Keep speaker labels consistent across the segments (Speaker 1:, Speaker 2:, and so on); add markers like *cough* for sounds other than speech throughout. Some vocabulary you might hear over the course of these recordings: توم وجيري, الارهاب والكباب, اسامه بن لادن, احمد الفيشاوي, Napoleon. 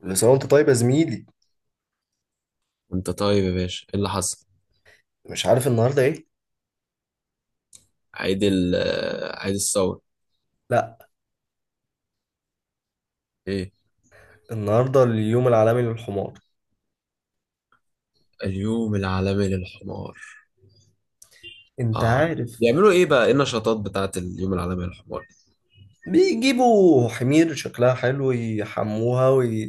Speaker 1: بس هو انت طيب يا زميلي؟
Speaker 2: انت طيب يا باشا، ايه اللي حصل؟
Speaker 1: مش عارف النهارده ايه؟
Speaker 2: عيد ال آه، عيد الثورة.
Speaker 1: لا.
Speaker 2: ايه
Speaker 1: النهارده اليوم العالمي للحمار.
Speaker 2: اليوم العالمي للحمار؟
Speaker 1: انت
Speaker 2: اه،
Speaker 1: عارف؟
Speaker 2: بيعملوا ايه بقى؟ ايه النشاطات بتاعت اليوم العالمي للحمار؟
Speaker 1: بيجيبوا حمير شكلها حلو يحموها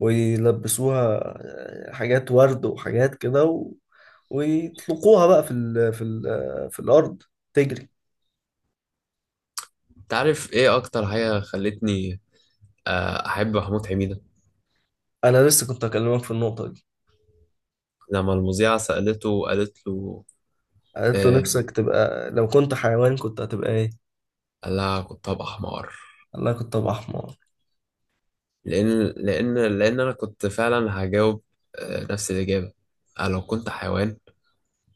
Speaker 1: ويلبسوها. حاجات ورد وحاجات كده ويطلقوها بقى في الارض تجري.
Speaker 2: انت عارف ايه اكتر حاجة خلتني احب محمود حميدة؟
Speaker 1: انا لسه كنت اكلمك في النقطه دي.
Speaker 2: لما المذيعة سألته وقالت له.
Speaker 1: قالت له
Speaker 2: آه.
Speaker 1: نفسك تبقى لو كنت حيوان كنت هتبقى ايه؟
Speaker 2: قال لها كنت هبقى حمار.
Speaker 1: قال لها كنت ابقى حمار.
Speaker 2: لان لان انا كنت فعلا هجاوب آه نفس الإجابة. آه، لو كنت حيوان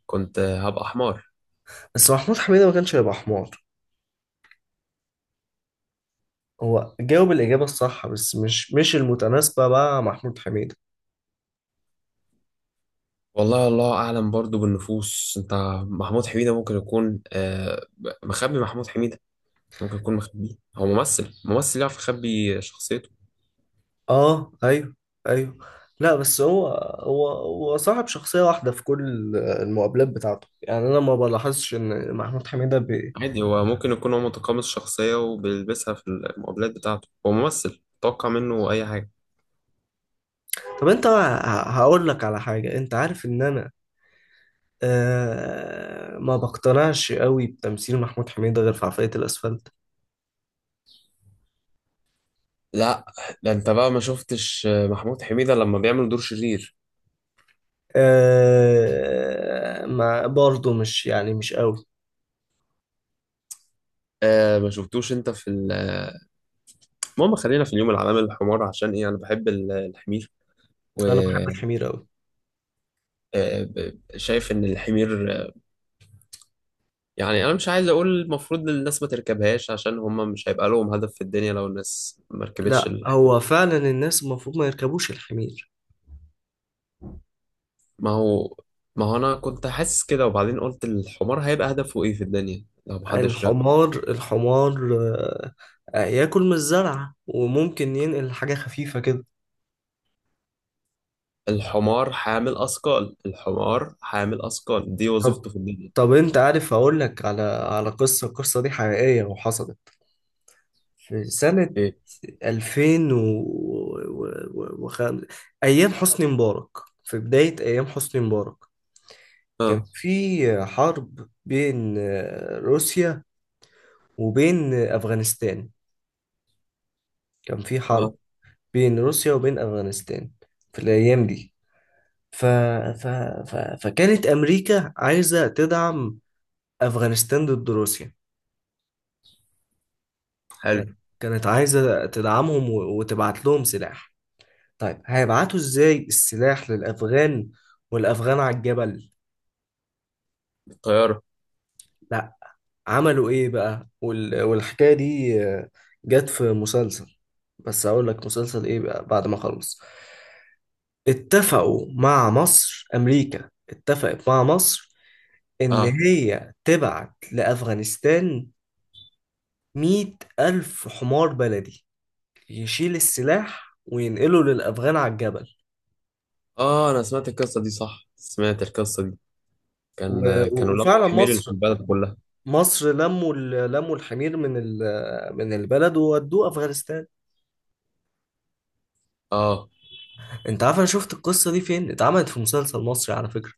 Speaker 2: كنت هبقى حمار.
Speaker 1: بس محمود حميدة ما كانش هيبقى حمار. هو جاوب الإجابة الصح، بس مش المتناسبة بقى مع محمود حميدة.
Speaker 2: والله الله اعلم برضو بالنفوس. انت محمود حميدة ممكن يكون مخبي. محمود حميدة ممكن يكون مخبيه، هو ممثل، يعرف يخبي شخصيته.
Speaker 1: اه، ايوه، ايوه. لا، بس هو صاحب شخصية واحدة في كل المقابلات بتاعته، يعني انا ما بلاحظش ان محمود حميدة.
Speaker 2: عادي، هو ممكن يكون هو متقمص الشخصية وبيلبسها في المقابلات بتاعته، هو ممثل، توقع منه اي حاجة.
Speaker 1: طب انت هقول لك على حاجة، انت عارف ان انا ما بقتنعش قوي بتمثيل محمود حميدة غير في عفاية الاسفلت.
Speaker 2: لا ده انت بقى ما شفتش محمود حميدة لما بيعمل دور شرير؟
Speaker 1: ما برضه مش، يعني مش قوي.
Speaker 2: آه ما شفتوش انت في المهم، خلينا في اليوم العالمي للحمار. عشان ايه انا بحب الحمير
Speaker 1: انا بحب الحمير قوي.
Speaker 2: وشايف ان الحمير، يعني انا مش عايز اقول المفروض للناس ما تركبهاش، عشان هم مش هيبقى لهم هدف في الدنيا لو الناس ما ركبتش
Speaker 1: لا،
Speaker 2: الحمار.
Speaker 1: هو فعلا الناس المفروض ما يركبوش الحمير.
Speaker 2: ما هو ما هو انا كنت حاسس كده، وبعدين قلت الحمار هيبقى هدفه ايه في الدنيا لو محدش ركب؟
Speaker 1: الحمار الحمار، ياكل من الزرعة وممكن ينقل حاجة خفيفة كده.
Speaker 2: الحمار حامل اثقال، الحمار حامل اثقال، دي
Speaker 1: طب
Speaker 2: وظيفته في الدنيا.
Speaker 1: طب انت عارف اقول لك على قصة؟ القصة دي حقيقية وحصلت في سنة
Speaker 2: ايه؟
Speaker 1: 2000 و... و... و... خم... ايام حسني مبارك، في بداية ايام حسني مبارك. كان
Speaker 2: اه.
Speaker 1: في حرب بين روسيا وبين افغانستان. كان في
Speaker 2: اه.
Speaker 1: حرب بين روسيا وبين أفغانستان في الأيام دي. ف... ف... ف... فكانت أمريكا عايزة تدعم أفغانستان ضد روسيا.
Speaker 2: حلو.
Speaker 1: كانت عايزة تدعمهم وتبعت لهم سلاح. طيب، هيبعتوا إزاي السلاح للأفغان والأفغان على الجبل؟
Speaker 2: الطيارة.
Speaker 1: لا. عملوا إيه بقى؟ والحكاية دي جت في مسلسل، بس أقول لك مسلسل إيه بقى بعد ما أخلص. اتفقوا مع مصر أمريكا اتفقت مع مصر إن
Speaker 2: اه.
Speaker 1: هي تبعت لأفغانستان 100,000 حمار بلدي يشيل السلاح وينقله للأفغان على الجبل.
Speaker 2: اه، انا سمعت القصة دي، صح سمعت القصة دي،
Speaker 1: و- و-
Speaker 2: كانوا لقوا
Speaker 1: وفعلا
Speaker 2: الحمير اللي في
Speaker 1: مصر
Speaker 2: البلد كلها.
Speaker 1: مصر لموا الحمير من البلد وودوه أفغانستان.
Speaker 2: اه،
Speaker 1: أنت عارف أنا شفت القصة دي فين؟ اتعملت في مسلسل مصري على فكرة.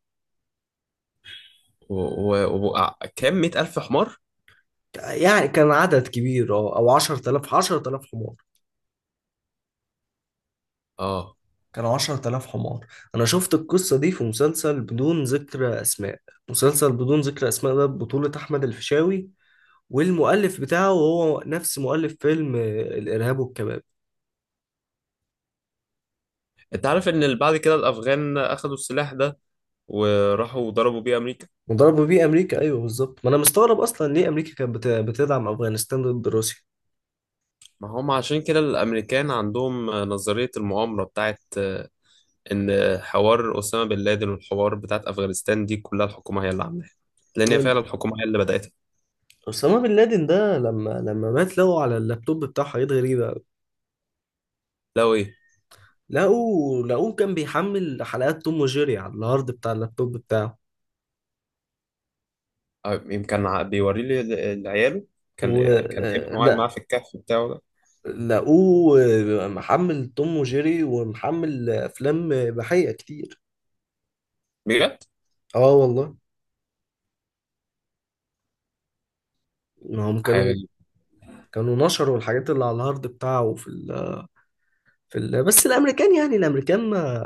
Speaker 2: وكام كام مئة ألف حمار؟
Speaker 1: يعني كان عدد كبير، أو 10000 حمار،
Speaker 2: اه.
Speaker 1: كانوا 10000 حمار. انا شفت القصه دي في مسلسل بدون ذكر اسماء، مسلسل بدون ذكر اسماء ده بطوله احمد الفيشاوي. والمؤلف بتاعه هو نفس مؤلف فيلم الارهاب والكباب.
Speaker 2: انت عارف ان بعد كده الافغان اخدوا السلاح ده وراحوا ضربوا بيه امريكا؟
Speaker 1: مضاربه بيه امريكا، ايوه بالظبط. ما انا مستغرب اصلا ليه امريكا كانت بتدعم افغانستان ضد روسيا.
Speaker 2: ما هم عشان كده الامريكان عندهم نظرية المؤامرة بتاعت ان حوار اسامة بن لادن والحوار بتاعت افغانستان دي كلها الحكومة هي اللي عاملاها، لان هي فعلا الحكومة هي اللي بدأتها.
Speaker 1: اسامه بن لادن ده لما مات لقوا على اللابتوب بتاعه حاجات غريبه أوي.
Speaker 2: لو ايه؟
Speaker 1: لقوه كان بيحمل حلقات توم وجيري على الهارد بتاع اللابتوب بتاعه.
Speaker 2: اه، يمكن بيوري لي عياله. كان
Speaker 1: و...
Speaker 2: كان ابنه قاعد معاه في الكهف بتاعه ده.
Speaker 1: لقوه محمل توم وجيري ومحمل افلام اباحيه كتير.
Speaker 2: بجد؟
Speaker 1: اه والله. ما هم
Speaker 2: حاجة
Speaker 1: كانوا
Speaker 2: غريبة.
Speaker 1: كانوا نشروا الحاجات اللي على الهارد بتاعه بس الامريكان، ما،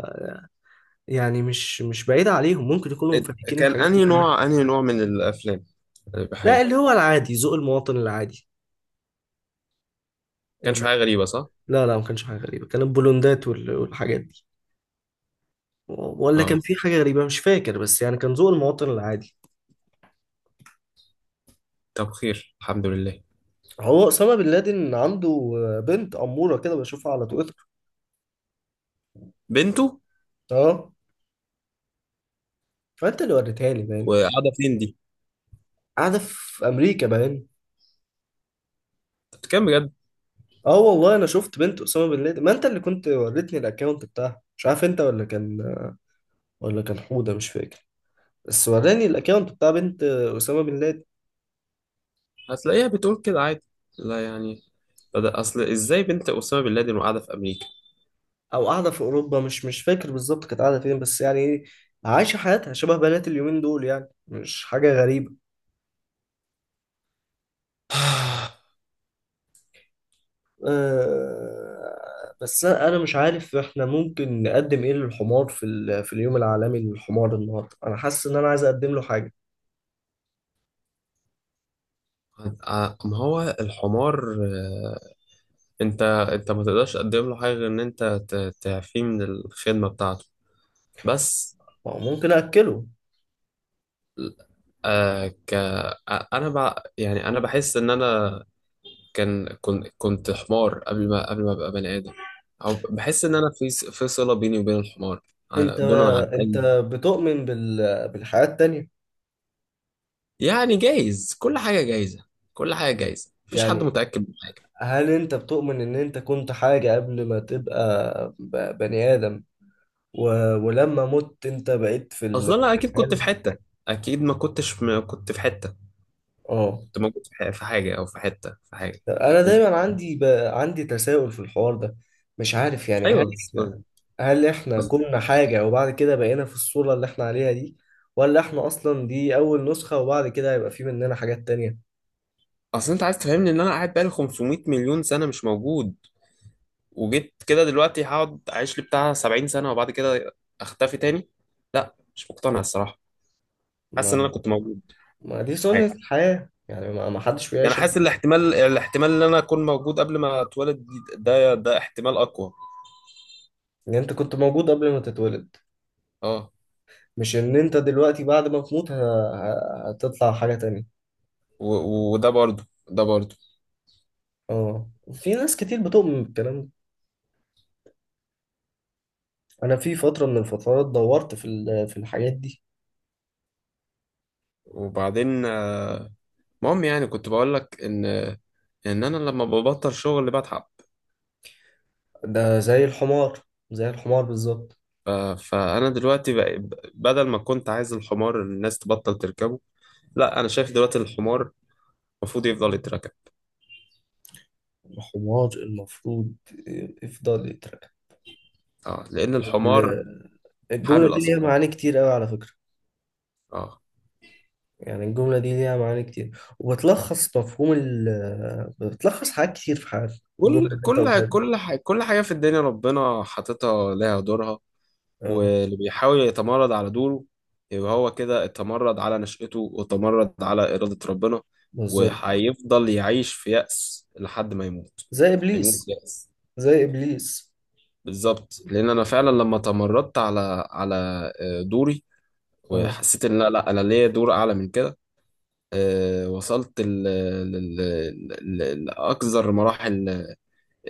Speaker 1: يعني مش بعيد عليهم ممكن يكونوا مفككين
Speaker 2: كان
Speaker 1: الحاجات دي
Speaker 2: انهي
Speaker 1: كلها.
Speaker 2: نوع، انهي نوع من الافلام الاباحية؟
Speaker 1: لا،
Speaker 2: ما
Speaker 1: اللي هو العادي، ذوق المواطن العادي.
Speaker 2: كانش
Speaker 1: ال...
Speaker 2: حاجة غريبة، صح؟
Speaker 1: لا، لا، ما كانش حاجه غريبه. كان البولوندات والحاجات دي. ولا كان
Speaker 2: اه.
Speaker 1: في حاجه غريبه مش فاكر، بس يعني كان ذوق المواطن العادي.
Speaker 2: طب خير، الحمد لله.
Speaker 1: هو اسامه بن لادن عنده بنت اموره كده، بشوفها على تويتر.
Speaker 2: بنته؟
Speaker 1: اه. فانت اللي وريتها لي باين.
Speaker 2: وقاعدة فين دي؟
Speaker 1: قاعده في امريكا باين.
Speaker 2: أنت بتتكلم بجد؟
Speaker 1: اه والله، انا شفت بنت اسامه بن لادن، ما انت اللي كنت وريتني الاكونت بتاعها. مش عارف انت ولا كان حوده، مش فاكر، بس وراني الاكونت بتاع بنت اسامه بن لادن.
Speaker 2: هتلاقيها بتقول كده عادي. لا يعني، بدأ أصل إزاي بنت أسامة بن لادن وقاعدة في أمريكا؟
Speaker 1: او قاعده في اوروبا، مش فاكر بالظبط كانت قاعده فين، بس يعني ايه، عايشه حياتها شبه بنات اليومين دول، يعني مش حاجه غريبه.
Speaker 2: *sighs*
Speaker 1: أه. بس انا مش عارف احنا ممكن نقدم ايه للحمار في اليوم العالمي للحمار النهارده، انا حاسس ان انا عايز اقدم له حاجه.
Speaker 2: ما هو الحمار آه، انت ما تقدرش تقدم له حاجه غير ان انت تعفيه من الخدمه بتاعته بس.
Speaker 1: ما هو ممكن اكله.
Speaker 2: آه ك آه، انا يعني انا بحس ان انا كنت حمار قبل ما ابقى بني ادم، او بحس ان انا في في صله بيني وبين الحمار على-
Speaker 1: انت
Speaker 2: دون عن
Speaker 1: انت
Speaker 2: أي.
Speaker 1: بتؤمن بالحياة التانية؟
Speaker 2: يعني جايز، كل حاجة جايزة، كل حاجة جايزة، مفيش حد
Speaker 1: يعني
Speaker 2: متأكد من حاجة.
Speaker 1: هل انت بتؤمن ان انت كنت حاجة قبل ما تبقى بني آدم، و... ولما مت انت بقيت في
Speaker 2: أصلا أنا أكيد
Speaker 1: الحياة
Speaker 2: كنت في
Speaker 1: اللي-
Speaker 2: حتة، أكيد ما كنتش، ما كنت في حتة.
Speaker 1: اه.
Speaker 2: كنت موجود في في حاجة، أو في حتة، في حاجة.
Speaker 1: انا
Speaker 2: أكيد
Speaker 1: دايما
Speaker 2: كنت.
Speaker 1: عندي، عندي تساؤل في الحوار ده، مش عارف. يعني
Speaker 2: أيوه أصل.
Speaker 1: احنا
Speaker 2: أصل-
Speaker 1: هل احنا كنا حاجة وبعد كده بقينا في الصورة اللي احنا عليها دي؟ ولا احنا اصلا دي اول نسخة وبعد كده هيبقى في مننا حاجات تانية؟
Speaker 2: أنت عايز تفهمني إن أنا قاعد بقالي 500 مليون سنة مش موجود، وجيت كده دلوقتي هقعد أعيش لي بتاع 70 سنة وبعد كده أختفي تاني؟ لا مش مقتنع الصراحة. حاسس إن أنا
Speaker 1: ما
Speaker 2: كنت موجود
Speaker 1: ما دي
Speaker 2: في
Speaker 1: سنة
Speaker 2: حاجة.
Speaker 1: الحياة، يعني ما حدش
Speaker 2: يعني
Speaker 1: بيعيش.
Speaker 2: حاسس الاحتمال، إن أنا أكون موجود قبل ما أتولد، ده احتمال أقوى.
Speaker 1: ان انت كنت موجود قبل ما تتولد،
Speaker 2: اه.
Speaker 1: مش ان انت دلوقتي بعد ما تموت هتطلع حاجة تانية.
Speaker 2: وده برضو، ده برضو.
Speaker 1: اه، في ناس كتير بتؤمن بالكلام ده. انا في فترة من الفترات دورت في الحاجات دي.
Speaker 2: وبعدين المهم، يعني كنت بقول لك ان انا لما ببطل شغل بتعب.
Speaker 1: ده زي الحمار، زي الحمار بالظبط.
Speaker 2: ف- فانا دلوقتي بدل ما كنت عايز الحمار الناس تبطل تركبه، لا انا شايف دلوقتي الحمار المفروض يفضل يتركب.
Speaker 1: الحمار المفروض يفضل يترقى.
Speaker 2: اه لان الحمار
Speaker 1: ال- الجملة
Speaker 2: حامل
Speaker 1: دي ليها
Speaker 2: اسكار.
Speaker 1: معاني كتير قوي على فكرة.
Speaker 2: اه،
Speaker 1: يعني الجملة دي ليها معاني كتير وبتلخص مفهوم ال بتلخص حاجات كتير في حياتنا، الجملة
Speaker 2: كل
Speaker 1: اللي انت قلتها دي.
Speaker 2: كل حاجه في الدنيا ربنا حاططها لها دورها،
Speaker 1: اه
Speaker 2: واللي بيحاول يتمرد على دوره يبقى هو كده اتمرد على نشأته وتمرد على إرادة ربنا،
Speaker 1: بالظبط.
Speaker 2: وهيفضل يعيش في يأس لحد ما يموت.
Speaker 1: زي
Speaker 2: هيموت
Speaker 1: ابليس،
Speaker 2: يأس.
Speaker 1: زي ابليس.
Speaker 2: بالظبط، لأن أنا فعلا لما تمردت على آه، دوري،
Speaker 1: اه،
Speaker 2: وحسيت إن لا لا أنا ليا دور أعلى من كده، آه، وصلت لأقذر مراحل،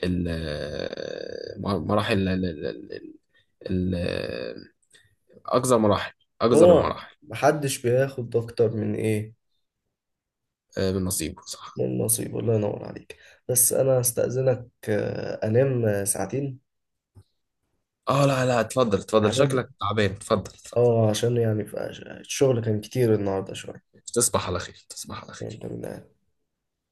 Speaker 2: مراحل ال- آه، أقذر مراحل، أقذر
Speaker 1: هو
Speaker 2: المراحل.
Speaker 1: محدش بياخد اكتر من ايه،
Speaker 2: آه، من نصيبه، صح.
Speaker 1: من نصيبه. الله ينور عليك. بس انا هستأذنك، انام ساعتين.
Speaker 2: اه لا لا، اتفضل اتفضل،
Speaker 1: هنام،
Speaker 2: شكلك تعبان، اتفضل اتفضل.
Speaker 1: اه، عشان يعني، الشغل كان كتير النهارده شويه.
Speaker 2: تصبح على خير، تصبح على خير.
Speaker 1: وانت من